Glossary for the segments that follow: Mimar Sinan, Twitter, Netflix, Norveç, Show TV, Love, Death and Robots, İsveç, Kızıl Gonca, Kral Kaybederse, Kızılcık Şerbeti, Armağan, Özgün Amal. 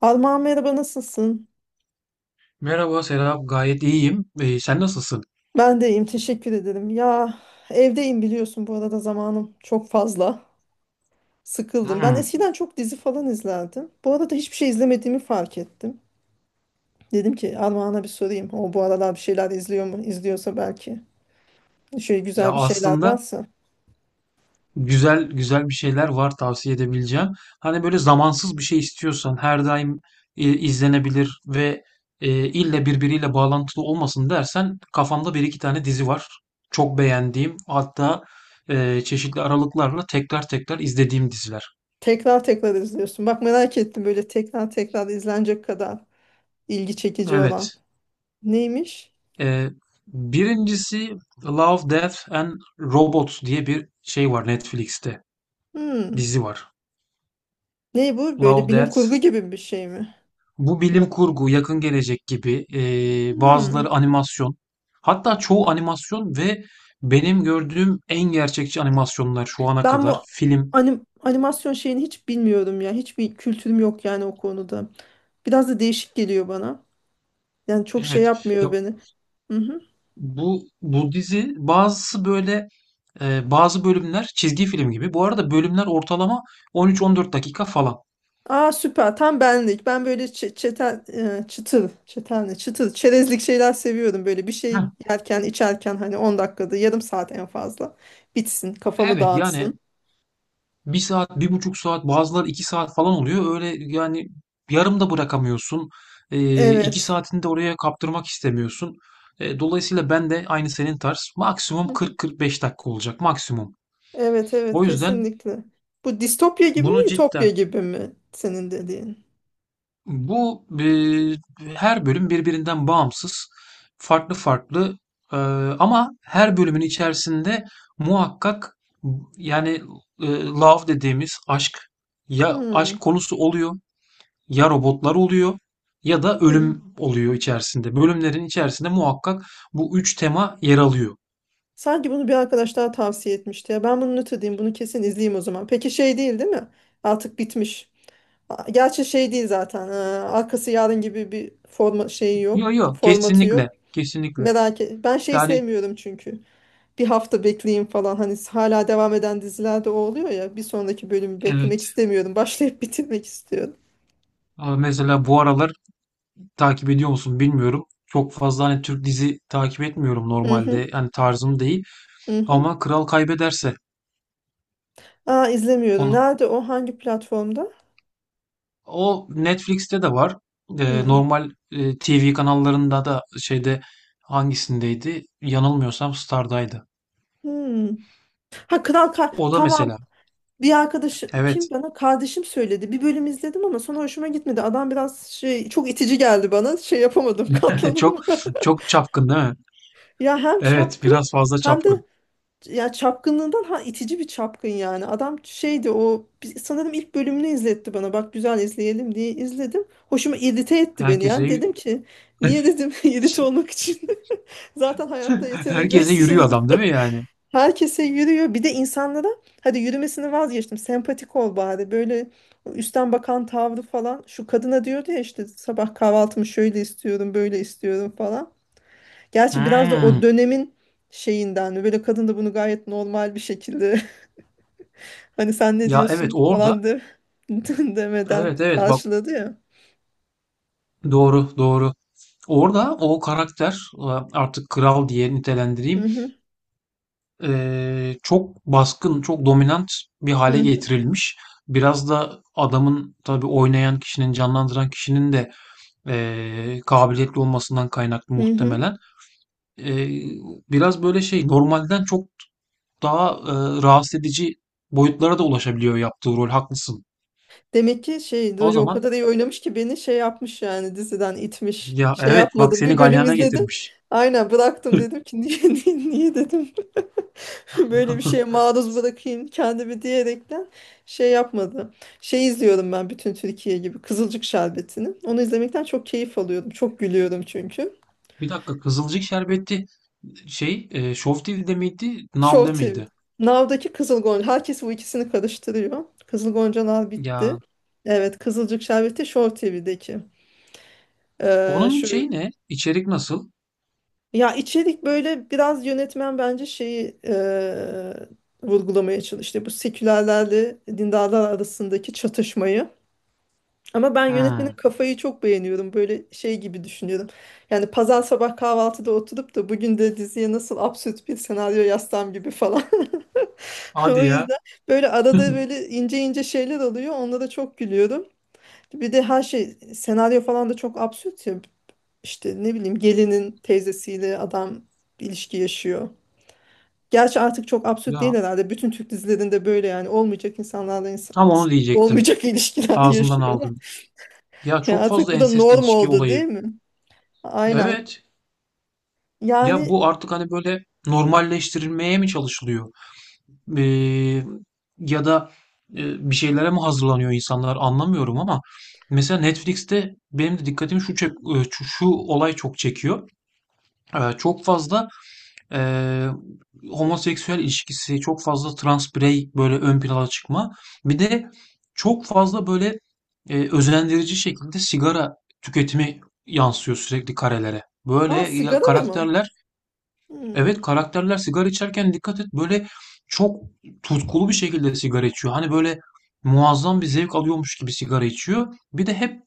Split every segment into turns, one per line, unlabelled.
Alman merhaba nasılsın?
Merhaba Serap, gayet iyiyim. Sen nasılsın?
Ben de iyiyim teşekkür ederim. Ya evdeyim biliyorsun bu arada zamanım çok fazla. Sıkıldım. Ben
Hmm.
eskiden çok dizi falan izlerdim. Bu arada hiçbir şey izlemediğimi fark ettim. Dedim ki Armağan'a bir sorayım. O bu aralar bir şeyler izliyor mu? İzliyorsa belki. Şöyle
Ya
güzel bir şeyler
aslında
varsa.
güzel güzel bir şeyler var, tavsiye edebileceğim. Hani böyle zamansız bir şey istiyorsan her daim izlenebilir ve ille birbiriyle bağlantılı olmasın dersen kafamda bir iki tane dizi var. Çok beğendiğim, hatta çeşitli aralıklarla tekrar tekrar izlediğim diziler.
Tekrar tekrar izliyorsun. Bak merak ettim böyle tekrar tekrar izlenecek kadar ilgi çekici olan.
Evet.
Neymiş?
e, Birincisi, Love, Death and Robots diye bir şey var Netflix'te.
Hmm.
Dizi var.
Ne bu? Böyle
Love
bilim kurgu
Death,
gibi bir şey mi?
Bu
Rob.
bilim kurgu, yakın gelecek gibi.
Hmm.
Bazıları animasyon. Hatta çoğu animasyon ve benim gördüğüm en gerçekçi animasyonlar şu ana
Ben
kadar.
bu
Film.
animasyon şeyini hiç bilmiyorum ya. Hiçbir kültürüm yok yani o konuda. Biraz da değişik geliyor bana. Yani çok şey
Evet.
yapmıyor
Ya
beni. Hı-hı.
bu dizi, bazısı böyle, bazı bölümler çizgi film gibi. Bu arada bölümler ortalama 13-14 dakika falan.
Aa süper. Tam benlik. Ben böyle çetel, çıtır, çetel ne? Çıtır, çerezlik şeyler seviyorum. Böyle bir şey
Heh.
yerken, içerken hani 10 dakikada, yarım saat en fazla. Bitsin, kafamı
Evet, yani
dağıtsın.
1 saat, 1,5 saat, bazıları 2 saat falan oluyor. Öyle yani, yarım da bırakamıyorsun. İki
Evet.
saatini de oraya kaptırmak istemiyorsun. Dolayısıyla ben de aynı senin tarz, maksimum
Hı-hı.
40-45 dakika olacak, maksimum.
Evet, evet,
O yüzden
kesinlikle. Bu distopya gibi mi,
bunu
ütopya
cidden,
gibi mi senin dediğin?
bu e, her bölüm birbirinden bağımsız, farklı farklı, e, ama her bölümün içerisinde muhakkak, yani love dediğimiz aşk, ya aşk
Hmm.
konusu oluyor, ya robotlar oluyor ya da ölüm oluyor içerisinde. Bölümlerin içerisinde muhakkak bu üç tema yer alıyor.
Sanki bunu bir arkadaş daha tavsiye etmişti ya. Ben bunu not edeyim, bunu kesin izleyeyim o zaman. Peki şey değil, değil mi? Artık bitmiş. Gerçi şey değil zaten. Arkası yarın gibi bir forma şeyi yok.
Yok yok,
Formatı
kesinlikle
yok.
kesinlikle.
Merak et. Ben şey
Yani
sevmiyorum çünkü. Bir hafta bekleyeyim falan. Hani hala devam eden dizilerde o oluyor ya. Bir sonraki bölümü beklemek
evet.
istemiyorum. Başlayıp bitirmek istiyorum.
Ama mesela bu aralar takip ediyor musun bilmiyorum. Çok fazla hani Türk dizi takip etmiyorum
Hı hı,
normalde. Yani tarzım değil.
hı hı.
Ama Kral Kaybederse,
Aa izlemiyorum.
onu
Nerede o? Hangi platformda?
o Netflix'te de var.
Hmm.
Normal TV kanallarında da şeyde, hangisindeydi? Yanılmıyorsam Star'daydı.
Hmm. Ha, Kral
O da
tamam.
mesela.
Bir arkadaşım kim
Evet.
bana kardeşim söyledi. Bir bölüm izledim ama sonra hoşuma gitmedi. Adam biraz şey çok itici geldi bana. Şey yapamadım,
Çok
katlanamadım.
çok çapkın değil mi?
Ya hem
Evet,
çapkın
biraz fazla
hem de
çapkın.
ya çapkınlığından ha itici bir çapkın yani. Adam şeydi o sanırım ilk bölümünü izletti bana. Bak güzel izleyelim diye izledim. Hoşuma irite etti beni
Herkese
yani.
y-
Dedim ki niye dedim irite olmak için. Zaten hayatta yeterince
herkese yürüyor
sinirli.
adam değil mi yani?
Herkese yürüyor. Bir de insanlara hadi yürümesini vazgeçtim. Sempatik ol bari. Böyle üstten bakan tavrı falan. Şu kadına diyordu ya işte sabah kahvaltımı şöyle istiyorum, böyle istiyorum falan. Gerçi biraz da o
Hmm.
dönemin şeyinden mi? Böyle kadın da bunu gayet normal bir şekilde hani sen ne
Ya evet,
diyorsun
orada.
falan de demeden
Evet evet bak,
karşıladı ya.
doğru doğru. Orada o karakter, e, artık kral diye
Hı
nitelendireyim.
hı,
Çok baskın, çok dominant bir
hı
hale
hı,
getirilmiş. Biraz da adamın, tabii oynayan kişinin, canlandıran kişinin de kabiliyetli olmasından kaynaklı
hı hı.
muhtemelen. E, biraz böyle şey, normalden çok daha rahatsız edici boyutlara da ulaşabiliyor yaptığı rol. Haklısın.
Demek ki şey
O
böyle o
zaman,
kadar iyi oynamış ki beni şey yapmış yani diziden itmiş.
ya
Şey
evet, bak,
yapmadım.
seni
Bir bölüm
galyana
izledim.
getirmiş.
Aynen bıraktım dedim ki niye niye, niye dedim. Böyle bir şeye maruz bırakayım kendimi diyerekten şey yapmadı. Şey izliyorum ben bütün Türkiye gibi Kızılcık Şerbeti'ni. Onu izlemekten çok keyif alıyorum. Çok gülüyorum çünkü.
Bir dakika, Kızılcık Şerbeti şey, Show TV'de miydi?
Show
Now'da
TV'de.
mıydı?
Now'daki Kızıl Gonca. Herkes bu ikisini karıştırıyor. Kızıl Goncalar bitti.
Ya
Evet Kızılcık Şerbeti Show TV'deki.
onun
Şu
şey ne? İçerik nasıl?
Ya içerik böyle biraz yönetmen bence şeyi vurgulamaya çalıştı. Bu sekülerlerle dindarlar arasındaki çatışmayı. Ama ben yönetmenin
Hmm.
kafayı çok beğeniyorum. Böyle şey gibi düşünüyorum. Yani pazar sabah kahvaltıda oturup da bugün de diziye nasıl absürt bir senaryo yazsam gibi falan. O
Hadi ya.
yüzden böyle arada böyle ince ince şeyler oluyor. Onlara çok gülüyorum. Bir de her şey senaryo falan da çok absürt ya. İşte ne bileyim gelinin teyzesiyle adam ilişki yaşıyor. Gerçi artık çok absürt değil
Ya
herhalde. Bütün Türk dizilerinde böyle yani olmayacak insanlarla
tam onu diyecektim.
olmayacak ilişkiler
Ağzımdan
yaşıyorlar.
aldım. Ya
Ya
çok
artık
fazla
bu da
ensest
norm
ilişki
oldu değil
olayı.
mi? Aynen.
Evet. Ya
Yani
bu artık hani böyle normalleştirilmeye mi çalışılıyor? Eee, ya da bir şeylere mi hazırlanıyor insanlar, anlamıyorum. Ama mesela Netflix'te benim de dikkatimi şu olay çok çekiyor. Çok fazla eee, homoseksüel ilişkisi, çok fazla trans birey böyle ön plana çıkma. Bir de çok fazla böyle özendirici şekilde sigara tüketimi yansıyor sürekli karelere. Böyle
aa, sigara da mı?
karakterler.
Hmm.
Evet, karakterler sigara içerken dikkat et, böyle çok tutkulu bir şekilde sigara içiyor. Hani böyle muazzam bir zevk alıyormuş gibi sigara içiyor. Bir de hep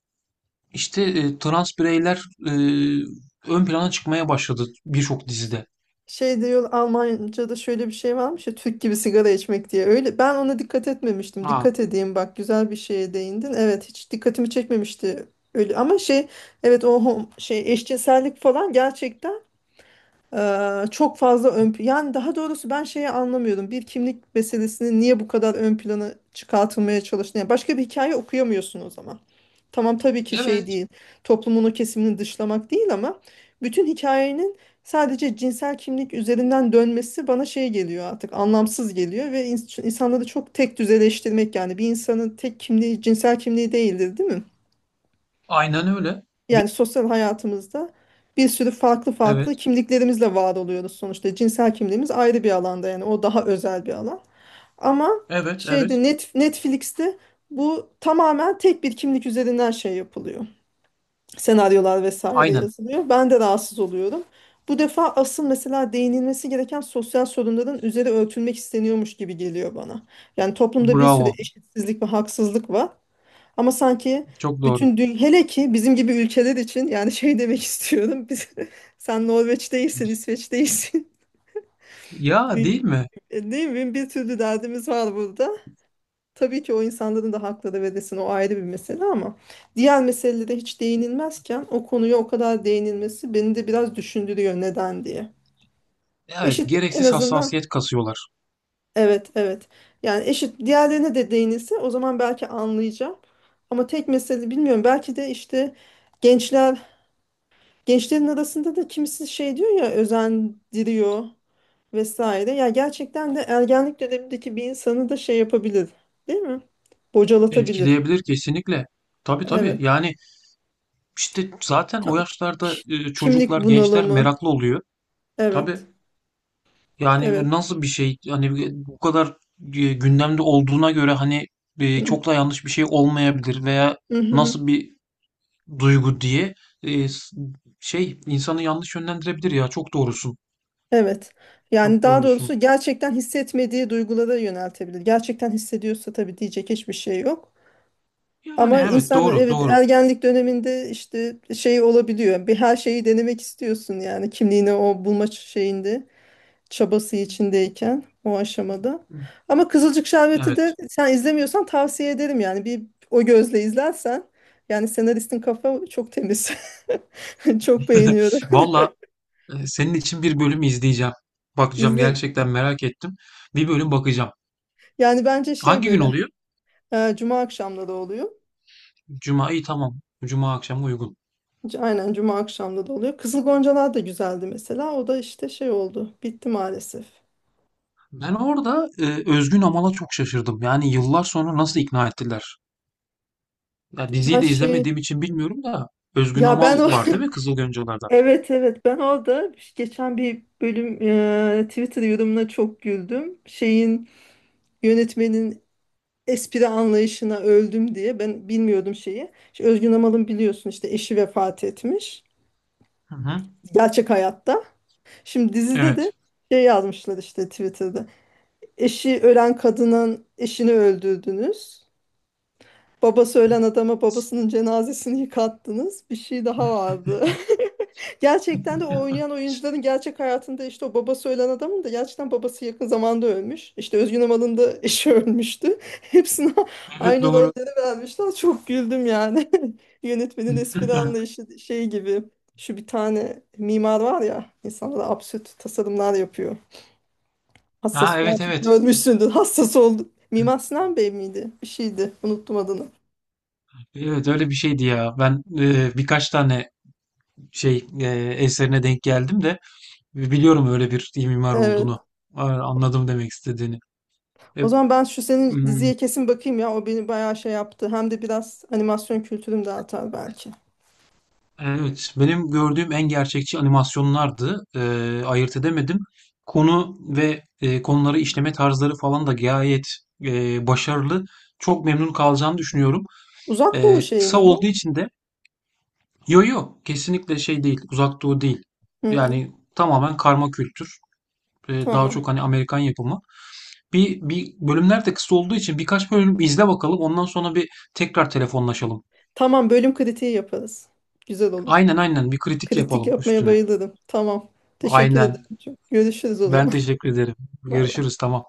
işte trans bireyler ön plana çıkmaya başladı birçok dizide.
Şey diyor Almanca'da şöyle bir şey varmış ya Türk gibi sigara içmek diye. Öyle ben ona dikkat etmemiştim.
Ha,
Dikkat edeyim bak güzel bir şeye değindin. Evet hiç dikkatimi çekmemişti öyle ama şey evet o şey eşcinsellik falan gerçekten. Çok fazla yani daha doğrusu ben şeyi anlamıyorum. Bir kimlik meselesini niye bu kadar ön plana çıkartılmaya çalıştığını. Yani başka bir hikaye okuyamıyorsun o zaman. Tamam tabii ki şey
evet,
değil. Toplumun o kesimini dışlamak değil ama bütün hikayenin sadece cinsel kimlik üzerinden dönmesi bana şey geliyor artık anlamsız geliyor ve insanları çok tek düzeleştirmek yani bir insanın tek kimliği cinsel kimliği değildir değil mi?
aynen öyle. Bi-
Yani sosyal hayatımızda bir sürü farklı farklı
Evet,
kimliklerimizle var oluyoruz sonuçta. Cinsel kimliğimiz ayrı bir alanda yani o daha özel bir alan. Ama
evet, evet.
şeyde Netflix'te bu tamamen tek bir kimlik üzerinden şey yapılıyor. Senaryolar vesaire
Aynen.
yazılıyor. Ben de rahatsız oluyorum. Bu defa asıl mesela değinilmesi gereken sosyal sorunların üzeri örtülmek isteniyormuş gibi geliyor bana. Yani toplumda bir sürü
Bravo.
eşitsizlik ve haksızlık var. Ama sanki
Çok doğru.
bütün dünya hele ki bizim gibi ülkeler için yani şey demek istiyorum. Biz, sen Norveç değilsin, İsveç değilsin.
Ya
Değil
değil mi?
değil mi? Bir türlü derdimiz var burada. Tabii ki o insanların da hakları verilsin o ayrı bir mesele ama diğer meselelere hiç değinilmezken o konuya o kadar değinilmesi beni de biraz düşündürüyor neden diye.
Evet,
Eşit en
gereksiz
azından
hassasiyet kasıyorlar.
evet evet yani eşit diğerlerine de değinilse o zaman belki anlayacağım ama tek mesele bilmiyorum belki de işte. gençler Gençlerin arasında da kimisi şey diyor ya özendiriyor vesaire. Ya gerçekten de ergenlik dönemindeki bir insanı da şey yapabilir, değil mi? Bocalatabilir.
Etkileyebilir, kesinlikle. Tabii tabii.
Evet.
Yani, İşte zaten
Ta-
o yaşlarda
ki- Kimlik
çocuklar, gençler
bunalımı.
meraklı oluyor. Tabii.
Evet. Evet.
Yani nasıl bir şey, hani bu kadar gündemde olduğuna göre, hani çok da yanlış bir şey olmayabilir, veya
Hı-hı.
nasıl bir duygu diye e, s- şey, insanı yanlış yönlendirebilir ya, çok doğrusun.
Evet. Yani
Çok
daha doğrusu
doğrusun.
gerçekten hissetmediği duygulara yöneltebilir. Gerçekten hissediyorsa tabii diyecek hiçbir şey yok.
Yani
Ama
evet,
insan
doğru
evet
doğru.
ergenlik döneminde işte şey olabiliyor. Bir her şeyi denemek istiyorsun yani kimliğini o bulma şeyinde çabası içindeyken o aşamada. Ama Kızılcık Şerbeti de
Evet.
sen izlemiyorsan tavsiye ederim yani bir o gözle izlersen yani senaristin kafa çok temiz. Çok beğeniyorum.
Valla senin için bir bölüm izleyeceğim. Bakacağım,
İzle
gerçekten merak ettim. Bir bölüm bakacağım.
yani bence şey
Hangi gün
böyle
oluyor?
cuma akşamları oluyor.
Cuma'yı, tamam. Cuma akşamı uygun.
Aynen cuma akşamları oluyor. Kızıl Goncalar da güzeldi mesela. O da işte şey oldu. Bitti maalesef.
Ben orada Özgün Amal'a çok şaşırdım. Yani yıllar sonra nasıl ikna ettiler? Ya diziyi
Her
de
şey
izlemediğim için bilmiyorum da, Özgün
ya ben
Amal
o
var değil mi Kızıl Goncalar'da?
evet evet ben orada geçen bir bölüm Twitter yorumuna çok güldüm. Şeyin yönetmenin espri anlayışına öldüm diye ben bilmiyordum şeyi. İşte Özgün Amal'ın biliyorsun işte eşi vefat etmiş
Hı hı.
gerçek hayatta. Şimdi dizide de
Evet.
şey yazmışlar işte Twitter'da. Eşi ölen kadının eşini öldürdünüz. Babası ölen adama babasının cenazesini yıkattınız. Bir şey daha vardı. Gerçekten de o oynayan oyuncuların gerçek hayatında işte o babası ölen adamın da gerçekten babası yakın zamanda ölmüş. İşte Özgün Amal'ın da eşi ölmüştü. Hepsine
Evet
aynı
doğru.
rolleri vermişler. Çok güldüm yani. Yönetmenin espri anlayışı şey gibi. Şu bir tane mimar var ya insanlara absürt tasarımlar yapıyor.
Ha,
Hassas
evet
belki
evet.
görmüşsündür. Hassas oldu. Mimar Sinan Bey miydi? Bir şeydi. Unuttum adını.
Evet, öyle bir şeydi ya. Ben birkaç tane şey e, eserine denk geldim de, biliyorum öyle bir mimar olduğunu.
Evet.
A- Anladım demek istediğini. E,
O zaman ben şu senin
hmm,
diziye kesin bakayım ya. O beni bayağı şey yaptı. Hem de biraz animasyon kültürüm de artar belki.
Evet, benim gördüğüm en gerçekçi animasyonlardı. Ayırt edemedim. Konu ve konuları işleme tarzları falan da gayet başarılı. Çok memnun kalacağını düşünüyorum.
Uzak Doğu şeyi
Kısa
mi
olduğu
bu?
için de, yo yo kesinlikle şey değil, Uzak Doğu değil.
Hı,
Yani tamamen karma kültür. Daha
tamam.
çok hani Amerikan yapımı. Bir bölümler de kısa olduğu için birkaç bölüm izle bakalım. Ondan sonra bir tekrar telefonlaşalım.
Tamam bölüm kritiği yaparız. Güzel olur.
Aynen aynen, bir kritik
Kritik
yapalım
yapmaya
üstüne.
bayılırım. Tamam. Teşekkür
Aynen.
ederim. Çok. Görüşürüz o
Ben
zaman.
teşekkür ederim.
Bay bay.
Görüşürüz. Tamam.